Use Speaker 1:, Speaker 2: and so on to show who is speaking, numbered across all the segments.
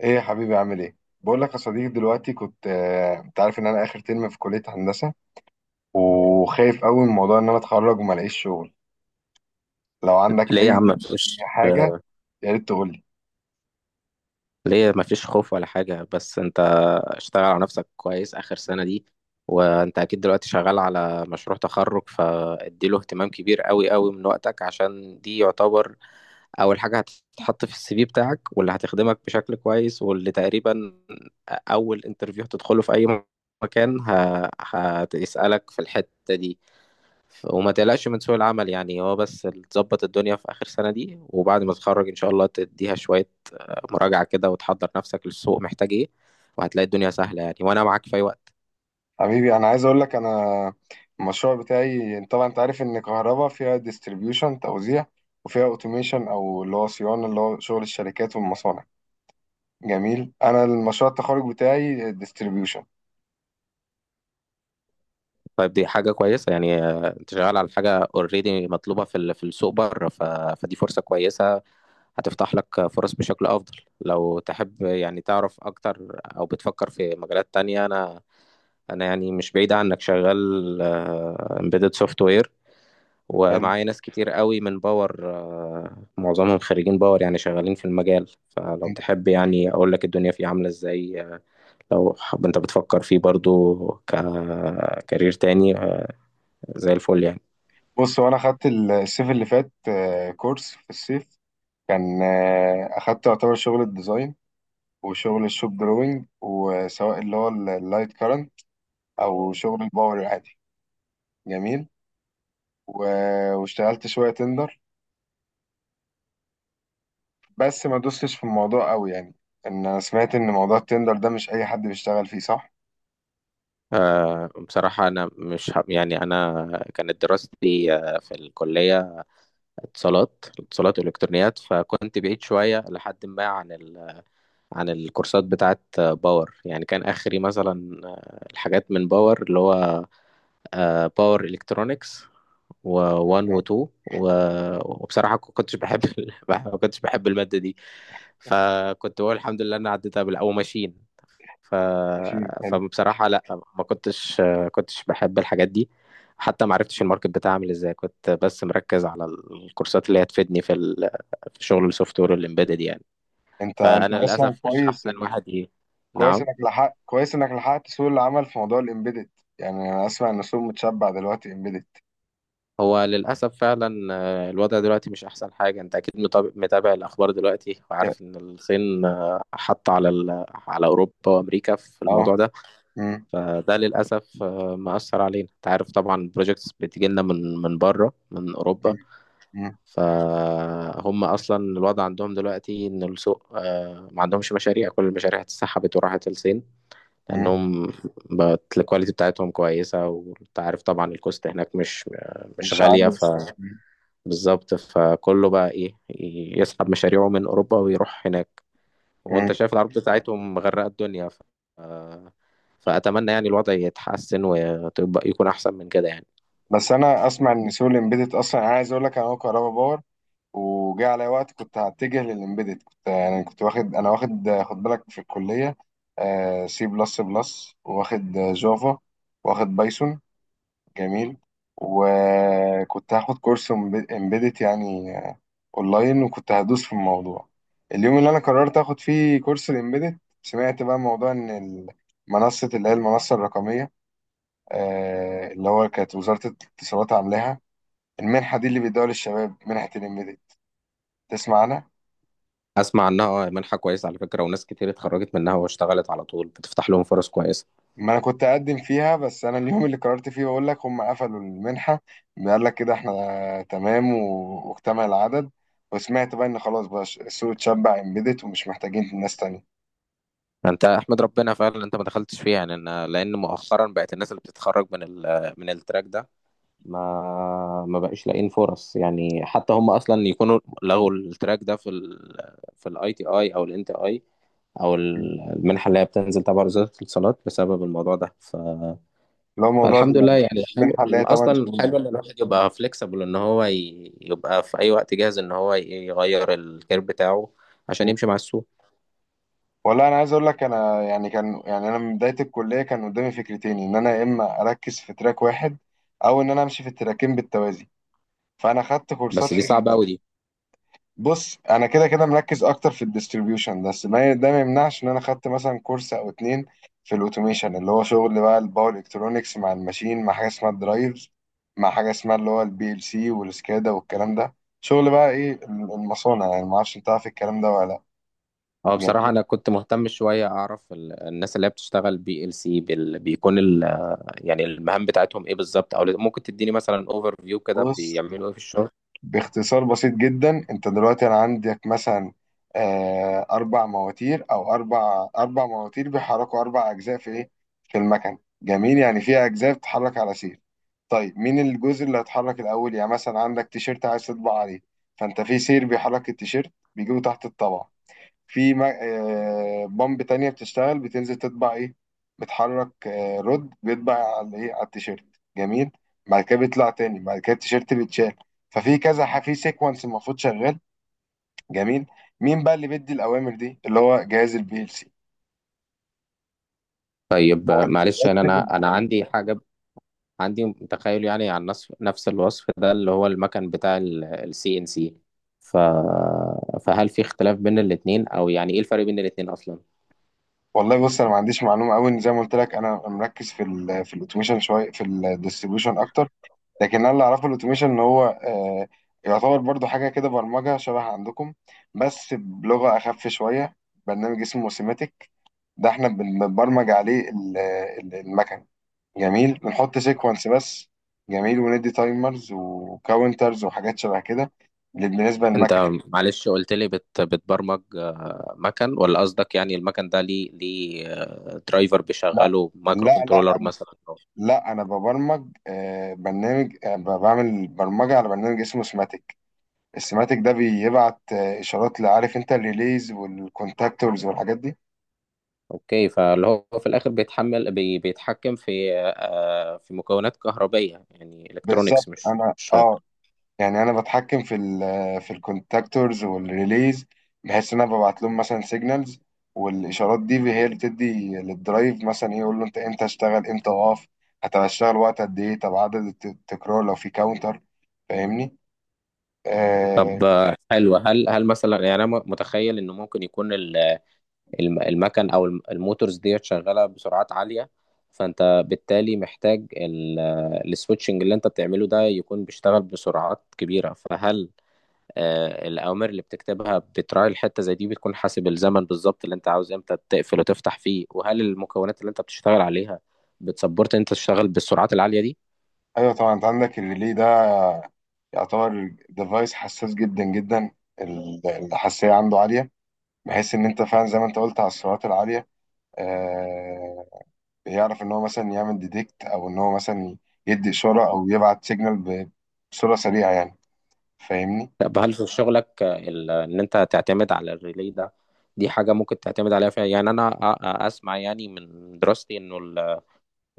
Speaker 1: ايه يا حبيبي؟ عامل ايه؟ بقول لك يا صديقي، دلوقتي كنت، انت عارف ان انا اخر ترم في كلية هندسة، وخايف قوي من موضوع ان انا اتخرج وما الاقيش شغل. لو عندك
Speaker 2: ليه يا
Speaker 1: اي
Speaker 2: عم؟ مفيش.
Speaker 1: حاجة يا ريت تقول لي.
Speaker 2: ليه مفيش خوف ولا حاجة، بس انت اشتغل على نفسك كويس آخر سنة دي. وانت أكيد دلوقتي شغال على مشروع تخرج، فاديله اهتمام كبير قوي قوي من وقتك، عشان دي يعتبر أول حاجة هتتحط في السي في بتاعك، واللي هتخدمك بشكل كويس، واللي تقريبا أول انترفيو هتدخله في أي مكان هتسألك في الحتة دي. وما تقلقش من سوق العمل، يعني هو بس تظبط الدنيا في آخر سنة دي، وبعد ما تتخرج إن شاء الله تديها شوية مراجعة كده، وتحضر نفسك للسوق محتاج إيه، وهتلاقي الدنيا سهلة يعني، وأنا معاك في أي وقت.
Speaker 1: حبيبي، انا عايز اقول لك، انا المشروع بتاعي طبعا انت عارف ان كهربا فيها ديستريبيوشن توزيع، وفيها اوتوميشن او اللي هو صيانة، اللي هو شغل الشركات والمصانع. جميل. انا المشروع التخرج بتاعي ديستريبيوشن.
Speaker 2: طيب دي حاجة كويسة يعني، أنت شغال على حاجة أوريدي مطلوبة في السوق بره، فدي فرصة كويسة، هتفتح لك فرص بشكل أفضل. لو تحب يعني تعرف أكتر، أو بتفكر في مجالات تانية، أنا يعني مش بعيد عنك، شغال امبيدد سوفت وير، ومعايا ناس كتير قوي من باور، معظمهم خريجين باور يعني، شغالين في المجال، فلو تحب يعني اقول لك الدنيا فيه عاملة ازاي، لو حب انت بتفكر فيه برضو ككارير تاني، زي الفل يعني.
Speaker 1: بص، وانا خدت الصيف اللي فات كورس في الصيف، كان اخدت يعتبر شغل الديزاين وشغل الشوب دروينج، وسواء اللي هو اللايت كارنت او شغل الباور العادي. جميل. و- واشتغلت شويه تندر، بس ما دوستش في الموضوع قوي يعني. ان انا سمعت ان موضوع التندر ده مش اي حد بيشتغل فيه، صح؟
Speaker 2: بصراحة أنا مش ه- يعني أنا كانت دراستي في الكلية، اتصالات والإلكترونيات، فكنت بعيد شوية لحد ما عن الكورسات بتاعت باور يعني. كان آخري مثلا الحاجات من باور، اللي هو باور الكترونكس، و1
Speaker 1: نعم.
Speaker 2: و2. وبصراحه ما كنتش بحب الماده دي، فكنت بقول الحمد لله انا عديتها او ماشين. ف...
Speaker 1: ماشي، حلو.
Speaker 2: فبصراحه لا، ما كنتش بحب الحاجات دي، حتى ما عرفتش الماركت بتاعي عامل ازاي، كنت بس مركز على الكورسات اللي هتفيدني في شغل السوفت وير والامبيدد يعني.
Speaker 1: انت
Speaker 2: فانا
Speaker 1: اصلا
Speaker 2: للاسف مش
Speaker 1: كويس.
Speaker 2: احسن واحد.
Speaker 1: كويس
Speaker 2: نعم.
Speaker 1: انك لحقت كويس انك لحقت سوق العمل في موضوع الامبيدد. يعني انا اسمع ان السوق متشبع دلوقتي امبيدد.
Speaker 2: هو للأسف فعلا، الوضع دلوقتي مش أحسن حاجة. أنت أكيد متابع الأخبار دلوقتي، وعارف إن الصين حط على أوروبا وأمريكا في
Speaker 1: اه.
Speaker 2: الموضوع ده.
Speaker 1: مم.
Speaker 2: فده للأسف مأثر علينا. أنت عارف طبعا البروجيكتس بتيجي لنا من بره، من
Speaker 1: مم.
Speaker 2: أوروبا،
Speaker 1: مم.
Speaker 2: فهم أصلا الوضع عندهم دلوقتي إن السوق، ما عندهمش مشاريع، كل المشاريع اتسحبت وراحت الصين،
Speaker 1: مم.
Speaker 2: لأنهم بقت الكواليتي بتاعتهم كويسة، وأنت عارف طبعا الكوست هناك مش
Speaker 1: مش
Speaker 2: غالية، ف
Speaker 1: عارف.
Speaker 2: بالظبط، فكله بقى ايه يسحب مشاريعه من اوروبا ويروح هناك، وانت شايف العروض بتاعتهم مغرقه الدنيا، فاتمنى يعني الوضع يتحسن، وتبقى يكون احسن من كده يعني.
Speaker 1: بس انا اسمع ان سوق الامبيدد اصلا، انا عايز اقول لك، انا هو كهربا باور. وجاء عليا وقت كنت هتجه للامبيدد، كنت يعني كنت واخد، انا واخد، خد بالك في الكليه سي بلس بلس، واخد جافا، واخد بايثون. جميل. وكنت هاخد كورس امبيدد يعني اونلاين، وكنت هدوس في الموضوع. اليوم اللي انا قررت اخد فيه كورس الامبيدد، سمعت بقى موضوع ان منصه، اللي هي المنصه الرقميه، اللي هو كانت وزاره الاتصالات عاملاها، المنحة دي اللي بيدوها للشباب، منحة الإمبيدد. تسمع عنها؟
Speaker 2: اسمع عنها، منحه كويسه على فكره، وناس كتير اتخرجت منها واشتغلت على طول، بتفتح لهم فرص كويسه.
Speaker 1: ما أنا كنت أقدم فيها، بس أنا اليوم اللي قررت فيه بقول لك هم قفلوا المنحة. قال لك كده، إحنا تمام، و- واكتمل العدد. وسمعت بقى إن خلاص بقى السوق اتشبع إمبيدد، ومش محتاجين ناس تانية.
Speaker 2: انت احمد ربنا فعلا انت ما دخلتش فيها يعني، لان مؤخرا بقت الناس اللي بتتخرج من التراك ده ما بقاش لاقيين فرص يعني، حتى هم اصلا يكونوا لغوا التراك ده في الاي تي اي او الان تي اي، او المنحه اللي هي بتنزل تبع وزاره الاتصالات، بسبب الموضوع ده،
Speaker 1: اللي هو موضوع
Speaker 2: فالحمد لله يعني، حلو.
Speaker 1: المنحة اللي هي 8
Speaker 2: اصلا
Speaker 1: شهور
Speaker 2: حلو
Speaker 1: دي.
Speaker 2: ان الواحد يبقى فليكسبل، ان هو يبقى في اي وقت جاهز ان هو يغير الكير بتاعه، عشان
Speaker 1: مم.
Speaker 2: يمشي مع السوق.
Speaker 1: والله أنا عايز أقول لك، أنا يعني، كان يعني أنا من بداية الكلية كان قدامي فكرتين، إن أنا يا إما أركز في تراك واحد، أو إن أنا أمشي في التراكين بالتوازي. فأنا خدت
Speaker 2: بس
Speaker 1: كورسات
Speaker 2: دي
Speaker 1: في...
Speaker 2: صعبه قوي دي.
Speaker 1: بص، انا كده كده مركز اكتر في الديستريبيوشن، بس ما ده ما يمنعش ان انا خدت مثلا كورس او اتنين في الاوتوميشن، اللي هو شغل بقى الباور الكترونكس مع الماشين، مع حاجه اسمها الدرايفز، مع حاجه اسمها اللي هو البي ال سي والسكادا والكلام ده. شغل بقى ايه المصانع يعني. ما اعرفش، انت عارف الكلام ده ولا لا؟
Speaker 2: اه، بصراحه
Speaker 1: جميل.
Speaker 2: انا كنت مهتم شويه اعرف الناس اللي هي بتشتغل بي ال سي، بيكون يعني المهام بتاعتهم ايه بالظبط، او ممكن تديني مثلا اوفر فيو كده
Speaker 1: بص،
Speaker 2: بيعملوا ايه في الشغل.
Speaker 1: باختصار بسيط جدا، انت دلوقتي انا عندك مثلا اربع مواتير، او اربع مواتير بيحركوا اربع اجزاء في ايه، في المكن. جميل. يعني في اجزاء بتتحرك على سير. طيب مين الجزء اللي هيتحرك الأول؟ يعني مثلا عندك تيشيرت عايز تطبع عليه، فأنت في سير بيحرك التيشيرت، بيجيبه تحت الطبعة. في بامب تانية بتشتغل بتنزل تطبع إيه، بتحرك رد بيطبع على إيه، على التيشيرت. جميل. بعد كده بيطلع تاني، بعد كده التيشيرت بيتشال. ففي كذا في سيكونس المفروض شغال. جميل. مين بقى اللي بيدي الأوامر دي؟ اللي هو جهاز البي ال سي.
Speaker 2: طيب،
Speaker 1: هو اللي
Speaker 2: معلش انا
Speaker 1: بيرتب.
Speaker 2: انا أنا عندي حاجه، عندي تخيل يعني عن نفس الوصف ده، اللي هو المكن بتاع السي ان سي، ف، فهل في اختلاف بين الاثنين، او يعني ايه الفرق بين الاثنين اصلا؟
Speaker 1: والله بص، انا ما عنديش معلومه قوي، ان زي ما قلت لك انا مركز في ال في الاوتوميشن شويه، في الديستريبيوشن اكتر. لكن انا اللي اعرفه الاوتوميشن ان هو يعتبر برضو حاجه كده برمجه شبه عندكم، بس بلغه اخف شويه. برنامج اسمه سيماتيك. ده احنا بنبرمج عليه المكن. جميل. بنحط سيكونس بس. جميل. وندي تايمرز وكاونترز وحاجات شبه كده بالنسبه
Speaker 2: انت،
Speaker 1: للمكنه.
Speaker 2: معلش قلت لي بتبرمج مكن، ولا قصدك يعني المكن ده ليه درايفر
Speaker 1: لا
Speaker 2: بيشغله مايكرو
Speaker 1: لا
Speaker 2: كنترولر مثلا؟
Speaker 1: لا، انا ببرمج برنامج، بعمل برمجه على برنامج اسمه سماتيك. السماتيك ده بيبعت اشارات، لعارف انت الريليز والكونتاكتورز والحاجات دي.
Speaker 2: اوكي، فاللي هو في الاخر بيتحمل بي بيتحكم في مكونات كهربائيه يعني،
Speaker 1: بالظبط.
Speaker 2: الكترونيكس مش
Speaker 1: انا
Speaker 2: مش-
Speaker 1: يعني انا بتحكم في ال في الكونتاكتورز والريليز، بحيث ان انا ببعت لهم مثلا سيجنالز، والاشارات دي هي اللي بتدي للدرايف مثلا ايه، يقول له انت امتى اشتغل، امتى اقف، هتشتغل وقت قد ايه، طب عدد التكرار لو في كاونتر. فاهمني؟ آه.
Speaker 2: طب، حلو. هل مثلا، يعني انا متخيل انه ممكن يكون المكن او الموتورز ديت شغاله بسرعات عاليه، فانت بالتالي محتاج السويتشنج اللي انت بتعمله ده يكون بيشتغل بسرعات كبيره، فهل الأوامر اللي بتكتبها بتراعي الحتة زي دي، بتكون حاسب الزمن بالظبط اللي أنت عاوز إمتى تقفل وتفتح فيه، وهل المكونات اللي أنت بتشتغل عليها بتسبورت أنت تشتغل بالسرعات العالية دي؟
Speaker 1: ايوه طبعا، انت عندك الريلي ده يعتبر ديفايس حساس جدا جدا. الحساسية عنده عالية، بحيث إن أنت فعلا زي ما أنت قلت على السرعات العالية، آه، بيعرف إن هو مثلا يعمل ديتكت، أو إن هو مثلا يدي إشارة أو يبعت سيجنال بصورة سريعة يعني. فاهمني؟
Speaker 2: طب، هل في شغلك إن أنت تعتمد على الريلي ده، دي حاجة ممكن تعتمد عليها فيها يعني، أنا أسمع يعني من دراستي إنه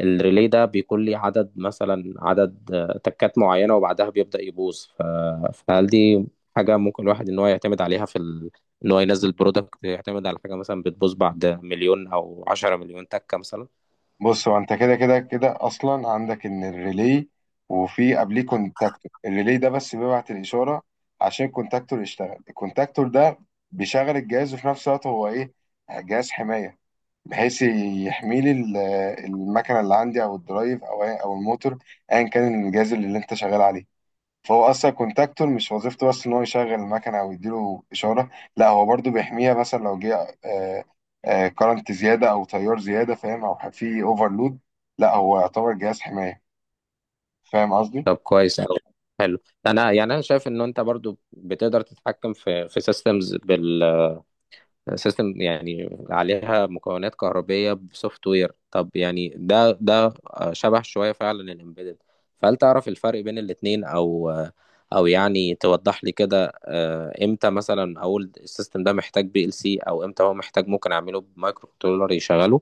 Speaker 2: الريلي ده بيكون ليه عدد مثلا، عدد تكات معينة، وبعدها بيبدأ يبوظ، فهل دي حاجة ممكن الواحد إن هو يعتمد عليها في إن هو ينزل برودكت يعتمد على حاجة مثلا بتبوظ بعد مليون أو 10 مليون تكة مثلا؟
Speaker 1: بص، هو أنت كده كده كده أصلا عندك إن الريلي، وفي قبليه كونتاكتور، الريلي ده بس بيبعت الإشارة عشان الكونتاكتور يشتغل. الكونتاكتور ده بيشغل الجهاز، وفي نفس الوقت هو إيه؟ جهاز حماية. بحيث يحمي لي المكنه اللي عندي، او الدرايف، او او الموتور، ايا كان الجهاز اللي انت شغال عليه. فهو اصلا كونتاكتور مش وظيفته بس ان هو يشغل المكنه او يديله اشاره، لا هو برضو بيحميها، مثلا لو جه كارنت زياده او تيار زياده، فاهم، او في اوفرلود. لا هو يعتبر جهاز حمايه. فاهم قصدي؟
Speaker 2: طب كويس أوي، حلو. أنا يعني أنا شايف إن أنت برضو بتقدر تتحكم في سيستمز، سيستم يعني عليها مكونات كهربية بسوفت وير. طب يعني ده شبه شوية فعلا الامبيدد، فهل تعرف الفرق بين الاتنين، او يعني توضح لي كده، امتى مثلا اقول السيستم ده محتاج بي ال سي، او امتى هو محتاج ممكن اعمله بمايكرو كنترولر يشغله؟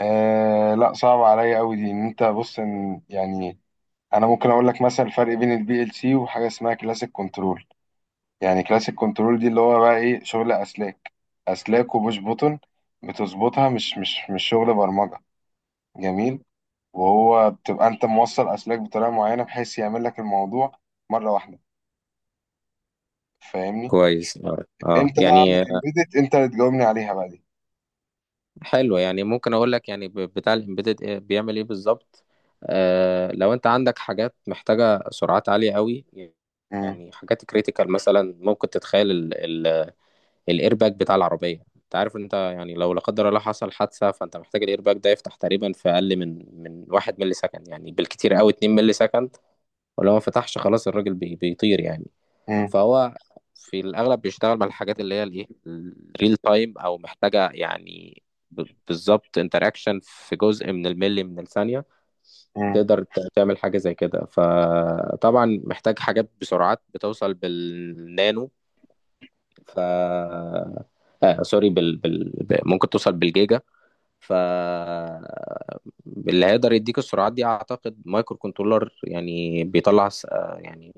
Speaker 1: آه لا، صعب عليا قوي دي. ان انت بص، إن يعني انا ممكن اقول لك مثلا الفرق بين البي ال سي وحاجه اسمها كلاسيك كنترول. يعني كلاسيك كنترول دي اللي هو بقى ايه شغل اسلاك، اسلاك وبوش بوتون بتظبطها، مش شغل برمجه. جميل. وهو بتبقى انت موصل اسلاك بطريقه معينه، بحيث يعمل لك الموضوع مره واحده. فاهمني؟
Speaker 2: كويس، اه.
Speaker 1: امتى بقى اعمل
Speaker 2: يعني،
Speaker 1: امبيدت، انت اللي تجاوبني عليها بقى دي.
Speaker 2: حلو، يعني ممكن اقول لك يعني بتاع الامبيدد إيه، بيعمل ايه بالظبط. لو انت عندك حاجات محتاجه سرعات عاليه قوي،
Speaker 1: مم.
Speaker 2: يعني حاجات كريتيكال مثلا، ممكن تتخيل الايرباك بتاع العربيه، انت عارف، انت يعني لو لا قدر الله حصل حادثه، فانت محتاج الايرباك ده يفتح تقريبا في اقل من 1 ملي سكند، يعني بالكتير قوي 2 ملي سكند، ولو ما فتحش خلاص الراجل بيطير يعني.
Speaker 1: مم.
Speaker 2: فهو في الأغلب بيشتغل مع الحاجات اللي هي الإيه الريل تايم، أو محتاجة يعني بالظبط انتراكشن في جزء من الملي من الثانية،
Speaker 1: مم.
Speaker 2: تقدر تعمل حاجة زي كده، فطبعا محتاج حاجات بسرعات بتوصل بالنانو، ف، سوري، ممكن توصل بالجيجا، ف اللي هيقدر يديك السرعات دي اعتقد مايكرو كنترولر، يعني بيطلع يعني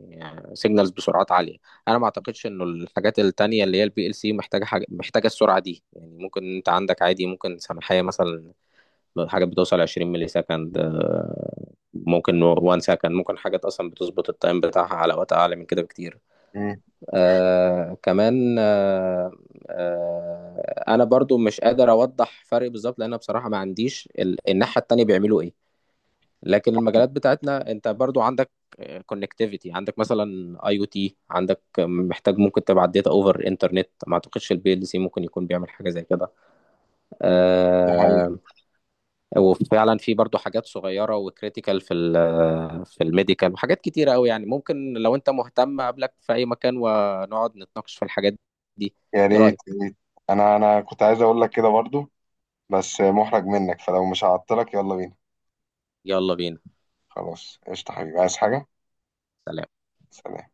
Speaker 2: سيجنالز بسرعات عاليه. انا ما اعتقدش انه الحاجات التانية اللي هي البي ال سي محتاجه حاجه، محتاجه السرعه دي يعني، ممكن انت عندك عادي، ممكن سماحيه مثلا حاجات بتوصل 20 ملي سكند، ممكن 1 سكند، ممكن حاجات اصلا بتظبط التايم بتاعها على وقت اعلى من كده بكتير.
Speaker 1: مم.
Speaker 2: كمان، انا برضو مش قادر اوضح فرق بالظبط، لان أنا بصراحه ما عنديش الناحيه التانية بيعملوا ايه، لكن المجالات بتاعتنا انت برضو عندك كونكتيفيتي، عندك مثلا اي او تي، عندك محتاج ممكن تبعت داتا اوفر انترنت، ما اعتقدش البي ال سي ممكن يكون بيعمل حاجه زي كده
Speaker 1: دي حقيقه.
Speaker 2: آه، وفعلا في برضو حاجات صغيره وكريتيكال في الميديكال، وحاجات كتيره قوي يعني، ممكن لو انت مهتم اقابلك في اي مكان ونقعد نتناقش في الحاجات دي.
Speaker 1: يا
Speaker 2: ايه
Speaker 1: ريت
Speaker 2: رايك؟
Speaker 1: يا ريت. انا كنت عايز اقول لك كده برضو، بس محرج منك. فلو مش هعطلك، يلا بينا.
Speaker 2: يلا بينا.
Speaker 1: خلاص قشطه حبيبي، عايز حاجه؟
Speaker 2: سلام.
Speaker 1: سلام.